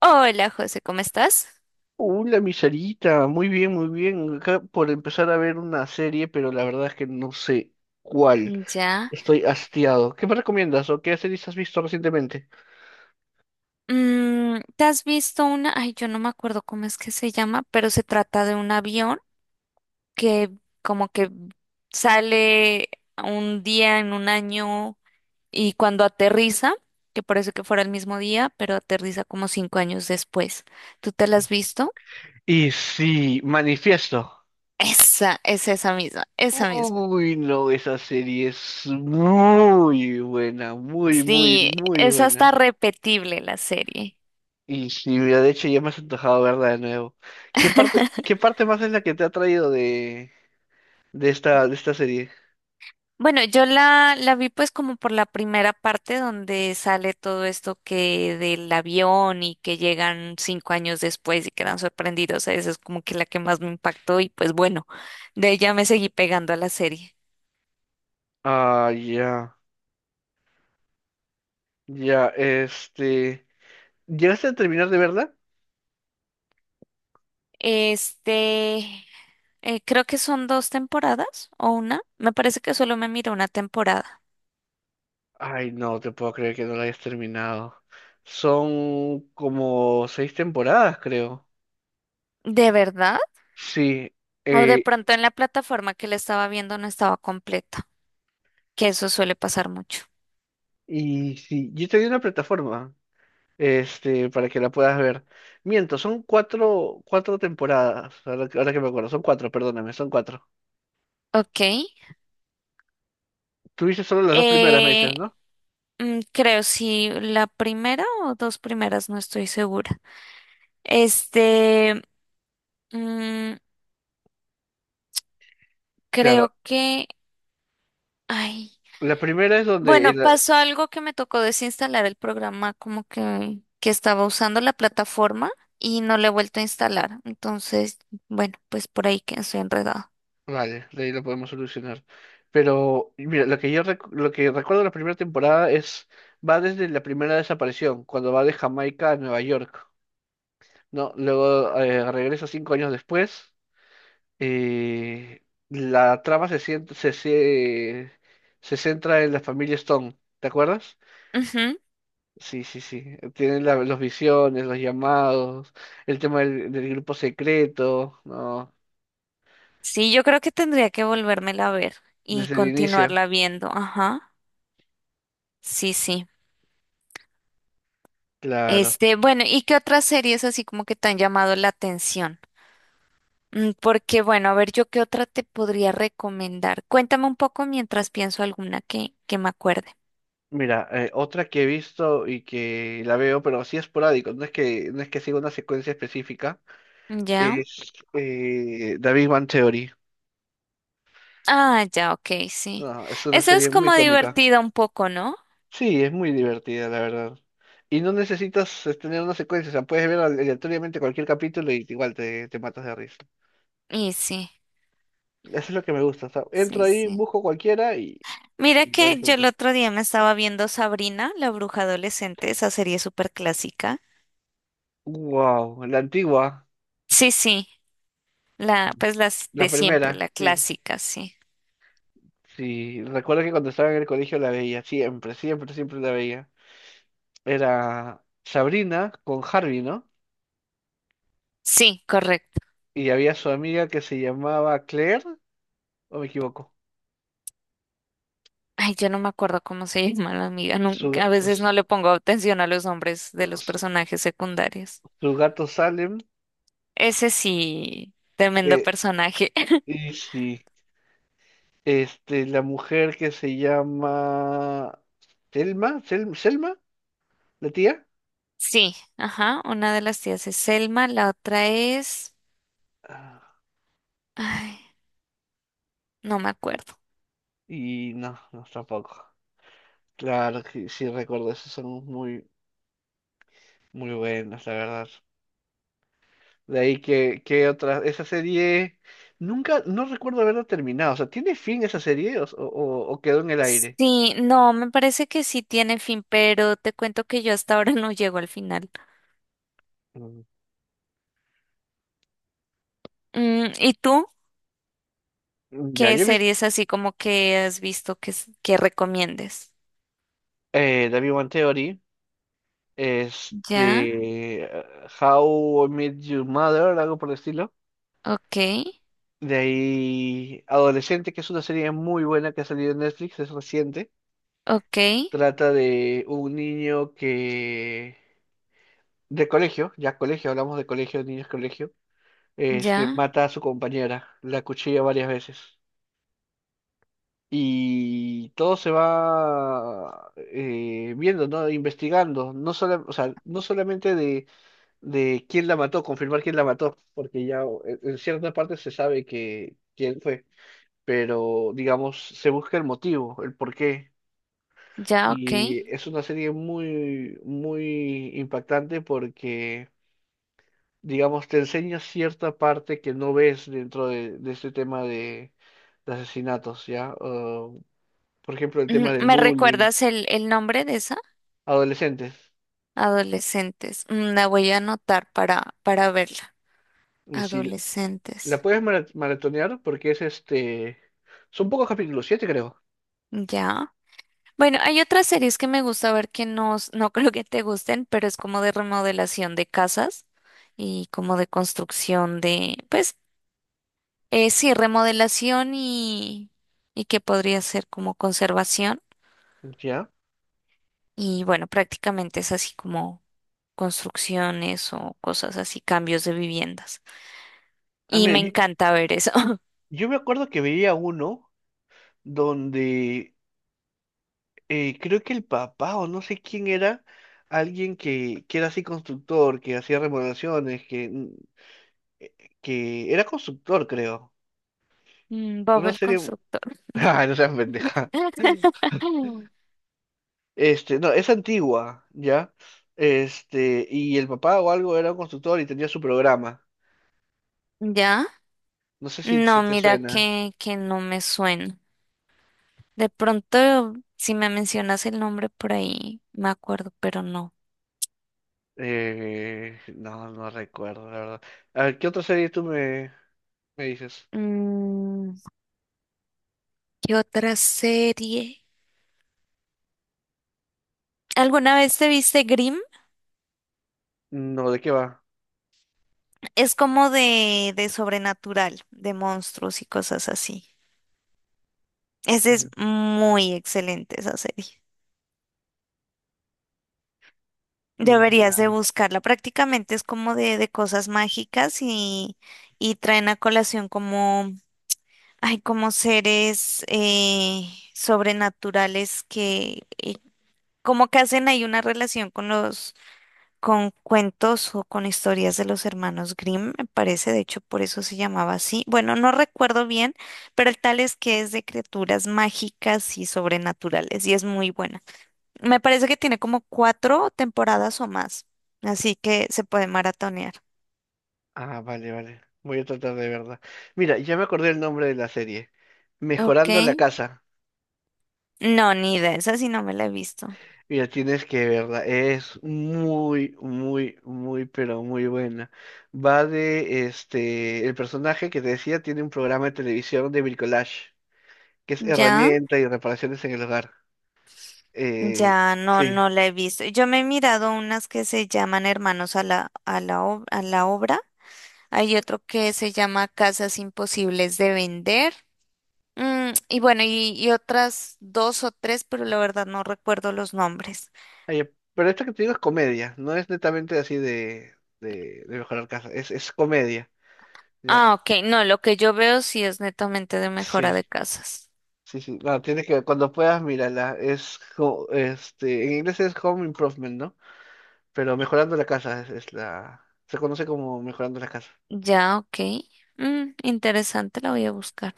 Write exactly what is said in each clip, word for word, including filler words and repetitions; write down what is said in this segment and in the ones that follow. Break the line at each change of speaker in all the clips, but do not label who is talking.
Hola José, ¿cómo estás?
Hola, mi Sarita, muy bien, muy bien. Acá por empezar a ver una serie, pero la verdad es que no sé cuál.
Ya.
Estoy hastiado. ¿Qué me recomiendas o qué series has visto recientemente?
Mm, ¿te has visto una? Ay, yo no me acuerdo cómo es que se llama, pero se trata de un avión que como que sale un día en un año y cuando aterriza, que parece que fuera el mismo día, pero aterriza como cinco años después. ¿Tú te la has visto?
Y sí, Manifiesto.
Esa, es esa misma, esa misma.
Uy, no, esa serie es muy buena, muy, muy,
Sí,
muy
es hasta
buena.
repetible la serie.
Y sí, mira, de hecho ya me has antojado verla de nuevo. ¿Qué parte, qué parte más es la que te ha traído de, de esta, de esta serie?
Bueno, yo la, la vi pues como por la primera parte donde sale todo esto que del avión y que llegan cinco años después y quedan sorprendidos. Esa es como que la que más me impactó y pues bueno, de ella me seguí pegando a la serie.
Ah, ya, ya, este. ¿Llegaste a terminar de verla?
Este, eh, creo que son dos temporadas o una. Me parece que solo me miré una temporada.
Ay, no te puedo creer que no la hayas terminado. Son como seis temporadas, creo.
¿De verdad?
Sí,
O de
eh,
pronto en la plataforma que la estaba viendo no estaba completa, que eso suele pasar mucho.
y sí, yo te di una plataforma, este, para que la puedas ver. Miento, son cuatro, cuatro temporadas, ahora, que ahora que me acuerdo, son cuatro, perdóname, son cuatro.
Ok.
Tuviste solo las dos primeras meses,
Eh,
¿no?
Mm, Creo si la primera o dos primeras, no estoy segura. Este, mm,
Claro,
creo que, ay,
la primera es donde
bueno,
el,
pasó algo que me tocó desinstalar el programa, como que, que estaba usando la plataforma y no le he vuelto a instalar. Entonces, bueno, pues por ahí que estoy enredado.
vale, de ahí lo podemos solucionar. Pero y mira, lo que yo recu- lo que recuerdo de la primera temporada es va desde la primera desaparición, cuando va de Jamaica a Nueva York, ¿no? Luego eh, regresa cinco años después. Eh, la trama se, sient- se, se se centra en la familia Stone, ¿te acuerdas?
Ujú.
Sí, sí, sí. Tienen la- los visiones, los llamados, el tema del, del grupo secreto, ¿no?
Sí, yo creo que tendría que volvérmela a ver y
Desde el inicio.
continuarla viendo. Ajá. Sí, sí.
Claro.
Este, bueno, ¿y qué otras series así como que te han llamado la atención? Mm, Porque, bueno, a ver, yo qué otra te podría recomendar. Cuéntame un poco mientras pienso alguna que, que me acuerde.
Mira, eh, otra que he visto y que la veo, pero así esporádico, no es que, no es que siga una secuencia específica,
¿Ya?
es eh, David Bang Theory.
Ah, ya, ok, sí.
No, es una
Eso
serie
es
muy
como
cómica.
divertido un poco, ¿no?
Sí, es muy divertida, la verdad. Y no necesitas eh, tener una secuencia, o sea, puedes ver aleatoriamente cualquier capítulo y igual te, te matas de risa.
Y sí,
Eso es lo que me gusta, o sea, entro
sí,
ahí,
sí.
busco cualquiera y,
Mira
y la
que yo el
disfruto.
otro día me estaba viendo Sabrina, la bruja adolescente, esa serie súper clásica.
Wow, la antigua,
Sí, sí, la, pues las
la
de siempre,
primera,
la
sí.
clásica, sí.
Sí, recuerdo que cuando estaba en el colegio la veía, siempre, siempre, siempre la veía. Era Sabrina con Harvey, ¿no?
Sí, correcto.
Y había su amiga que se llamaba Claire, o me equivoco,
Ay, yo no me acuerdo cómo se llama la amiga.
su,
Nunca, a
ga-
veces
su,
no le pongo atención a los nombres de los
su-
personajes secundarios.
su gato Salem,
Ese sí, tremendo
eh,
personaje.
y sí, este, la mujer que se llama Selma, Sel- Selma, la tía.
Sí, ajá. Una de las tías es Selma, la otra es…
Ah,
Ay, no me acuerdo.
y no, no, tampoco. Claro que sí recuerdo, esos son muy, muy buenos, la verdad. De ahí que, que otra, esa serie, nunca, no recuerdo haberla terminado. O sea, ¿tiene fin esa serie o, o- o quedó en el aire?
Sí, no, me parece que sí tiene fin, pero te cuento que yo hasta ahora no llego al final.
Mm.
Mm, ¿y tú?
Ya,
¿Qué
yo he visto
series así como que has visto que, s- que recomiendes?
eh, The Big Bang Theory,
Ya,
este, ah, How I Met Your Mother, algo por el estilo.
ok,
De ahí, Adolescente, que es una serie muy buena que ha salido en Netflix, es reciente.
ok,
Trata de un niño que, de colegio, ya colegio, hablamos de colegio, niños colegio este,
ya.
mata a su compañera, la cuchilla varias veces. Y todo se va eh, viendo, ¿no? Investigando, no sola- o sea, no solamente de, de quién la mató, confirmar quién la mató, porque ya en en cierta parte se sabe que quién fue, pero digamos, se busca el motivo, el por qué.
Ya, ok.
Y es una serie muy, muy impactante porque digamos, te enseña cierta parte que no ves dentro de, de este tema de, de asesinatos, ¿ya? O, por ejemplo, el
Mm,
tema del
¿Me
bullying,
recuerdas el, el nombre de esa?
adolescentes.
Adolescentes. Mm, La voy a anotar para, para verla.
Y si la
Adolescentes.
puedes mara- maratonear, porque es este, son pocos capítulos, siete creo,
Ya. Bueno, hay otras series que me gusta ver que no, s- no creo que te gusten, pero es como de remodelación de casas y como de construcción de, pues, eh, sí, remodelación y, y que podría ser como conservación.
¿ya?
Y bueno, prácticamente es así como construcciones o cosas así, cambios de viviendas.
Ah,
Y
mira,
me
yo,
encanta ver eso.
yo me acuerdo que veía uno donde eh, creo que el papá o no sé quién era, alguien que, que era así constructor, que hacía remodelaciones, que, mm, eh, que era constructor, creo.
Mm, Bob
Una
el
serie.
constructor.
Ah, no seas pendeja. Este, no, es antigua, ¿ya? Este, y el papá o algo era un constructor y tenía su programa.
¿Ya?
No sé si, si
No,
te
mira
suena.
que, que no me suena. De pronto, si me mencionas el nombre por ahí, me acuerdo, pero no.
Eh, no, no recuerdo, la verdad. A ver, ¿qué otra serie tú me, me dices?
Mm, ¿qué otra serie? ¿Alguna vez te viste Grimm?
No, ¿de qué va?
Es como de, de sobrenatural, de monstruos y cosas así. Esa es muy excelente, esa serie.
Mm, ya.
Deberías de buscarla. Prácticamente es como de, de cosas mágicas y, y traen a colación como, ay, como seres eh, sobrenaturales que eh, como que hacen ahí una relación con los, con cuentos o con historias de los hermanos Grimm, me parece, de hecho por eso se llamaba así. Bueno, no recuerdo bien, pero el tal es que es de criaturas mágicas y sobrenaturales y es muy buena. Me parece que tiene como cuatro temporadas o más, así que se puede maratonear.
Ah, vale, vale. Voy a tratar de verla. Mira, ya me acordé el nombre de la serie.
Ok.
Mejorando la casa.
No, ni idea, esa sí no me la he visto.
Mira, tienes que verla, es muy, muy, muy, pero muy buena. Va de, este, el personaje que te decía tiene un programa de televisión de bricolage, que es
¿Ya?
herramienta y reparaciones en el hogar. Eh,
Ya no,
sí.
no la he visto. Yo me he mirado unas que se llaman Hermanos a la, a la, ob- a la obra. Hay otro que se llama Casas Imposibles de Vender. Mm, y bueno, y, y otras dos o tres, pero la verdad no recuerdo los nombres.
Ay, pero esta que te digo es comedia, no es netamente así de, de, de mejorar casa, es, es comedia, ¿ya?
Ah, ok. No, lo que yo veo sí es netamente de
Sí,
mejora de casas.
sí, sí. No, tienes que, cuando puedas, mírala, es, co- este, en inglés es Home Improvement, ¿no? Pero mejorando la casa es, es la... Se conoce como mejorando la casa.
Ya, ok. Mm, interesante, la voy a buscar.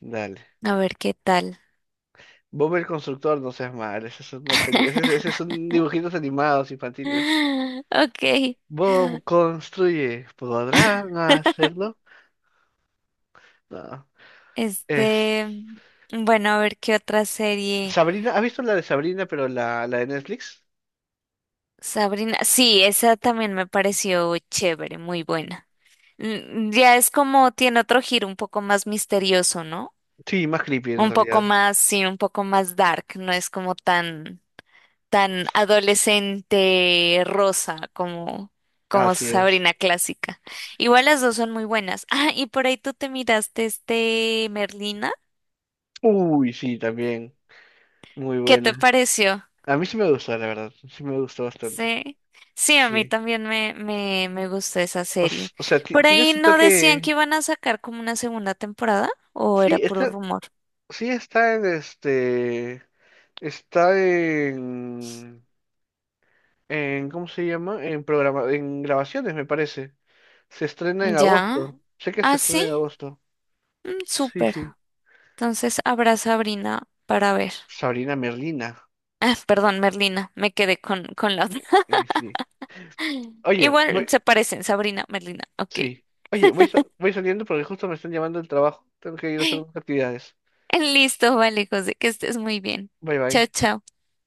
Dale.
A ver qué tal.
Bob el constructor, no seas mal. Ese es una peli... ese, es- ese son dibujitos animados infantiles.
Ok.
Bob construye. ¿Podrán hacerlo? No. Es...
Este, bueno, a ver qué otra serie.
Sabrina, ¿has visto la de Sabrina, pero la, la de Netflix?
Sabrina. Sí, esa también me pareció chévere, muy buena. Mm, Ya es como tiene otro giro un poco más misterioso, ¿no?
Sí, más creepy en
Un poco
realidad.
más, sí, un poco más dark, no es como tan tan adolescente rosa como, como
Así es.
Sabrina clásica. Igual las dos son muy buenas. Ah, y por ahí tú te miraste este Merlina.
Uy, sí, también. Muy
¿Qué te
buena.
pareció?
A mí sí me gustó, la verdad. Sí me gustó bastante.
Sí. Sí, a mí
Sí.
también me, me, me gustó esa
O, s-
serie.
o sea, ti-
Por
tiene
ahí
su
no decían
toque.
que iban a sacar como una segunda temporada o era
Sí,
puro
está.
rumor.
Sí está en este, está en, en, ¿cómo se llama? En programa, en grabaciones, me parece. Se estrena en
Ya.
agosto. Sé que se
Ah,
estrena
sí.
en agosto.
Mm,
Sí,
súper.
sí.
Entonces habrá Sabrina para ver.
Sabrina Merlina.
Ah, perdón, Merlina. Me quedé con, con la otra.
Y sí. Oye,
Igual
voy,
se parecen, Sabrina, Merlina. Ok.
sí. Oye, voy, sa- voy saliendo porque justo me están llamando del trabajo. Tengo que ir a hacer unas actividades.
Listo, vale, José, que estés muy bien.
Bye
Chao,
bye.
chao.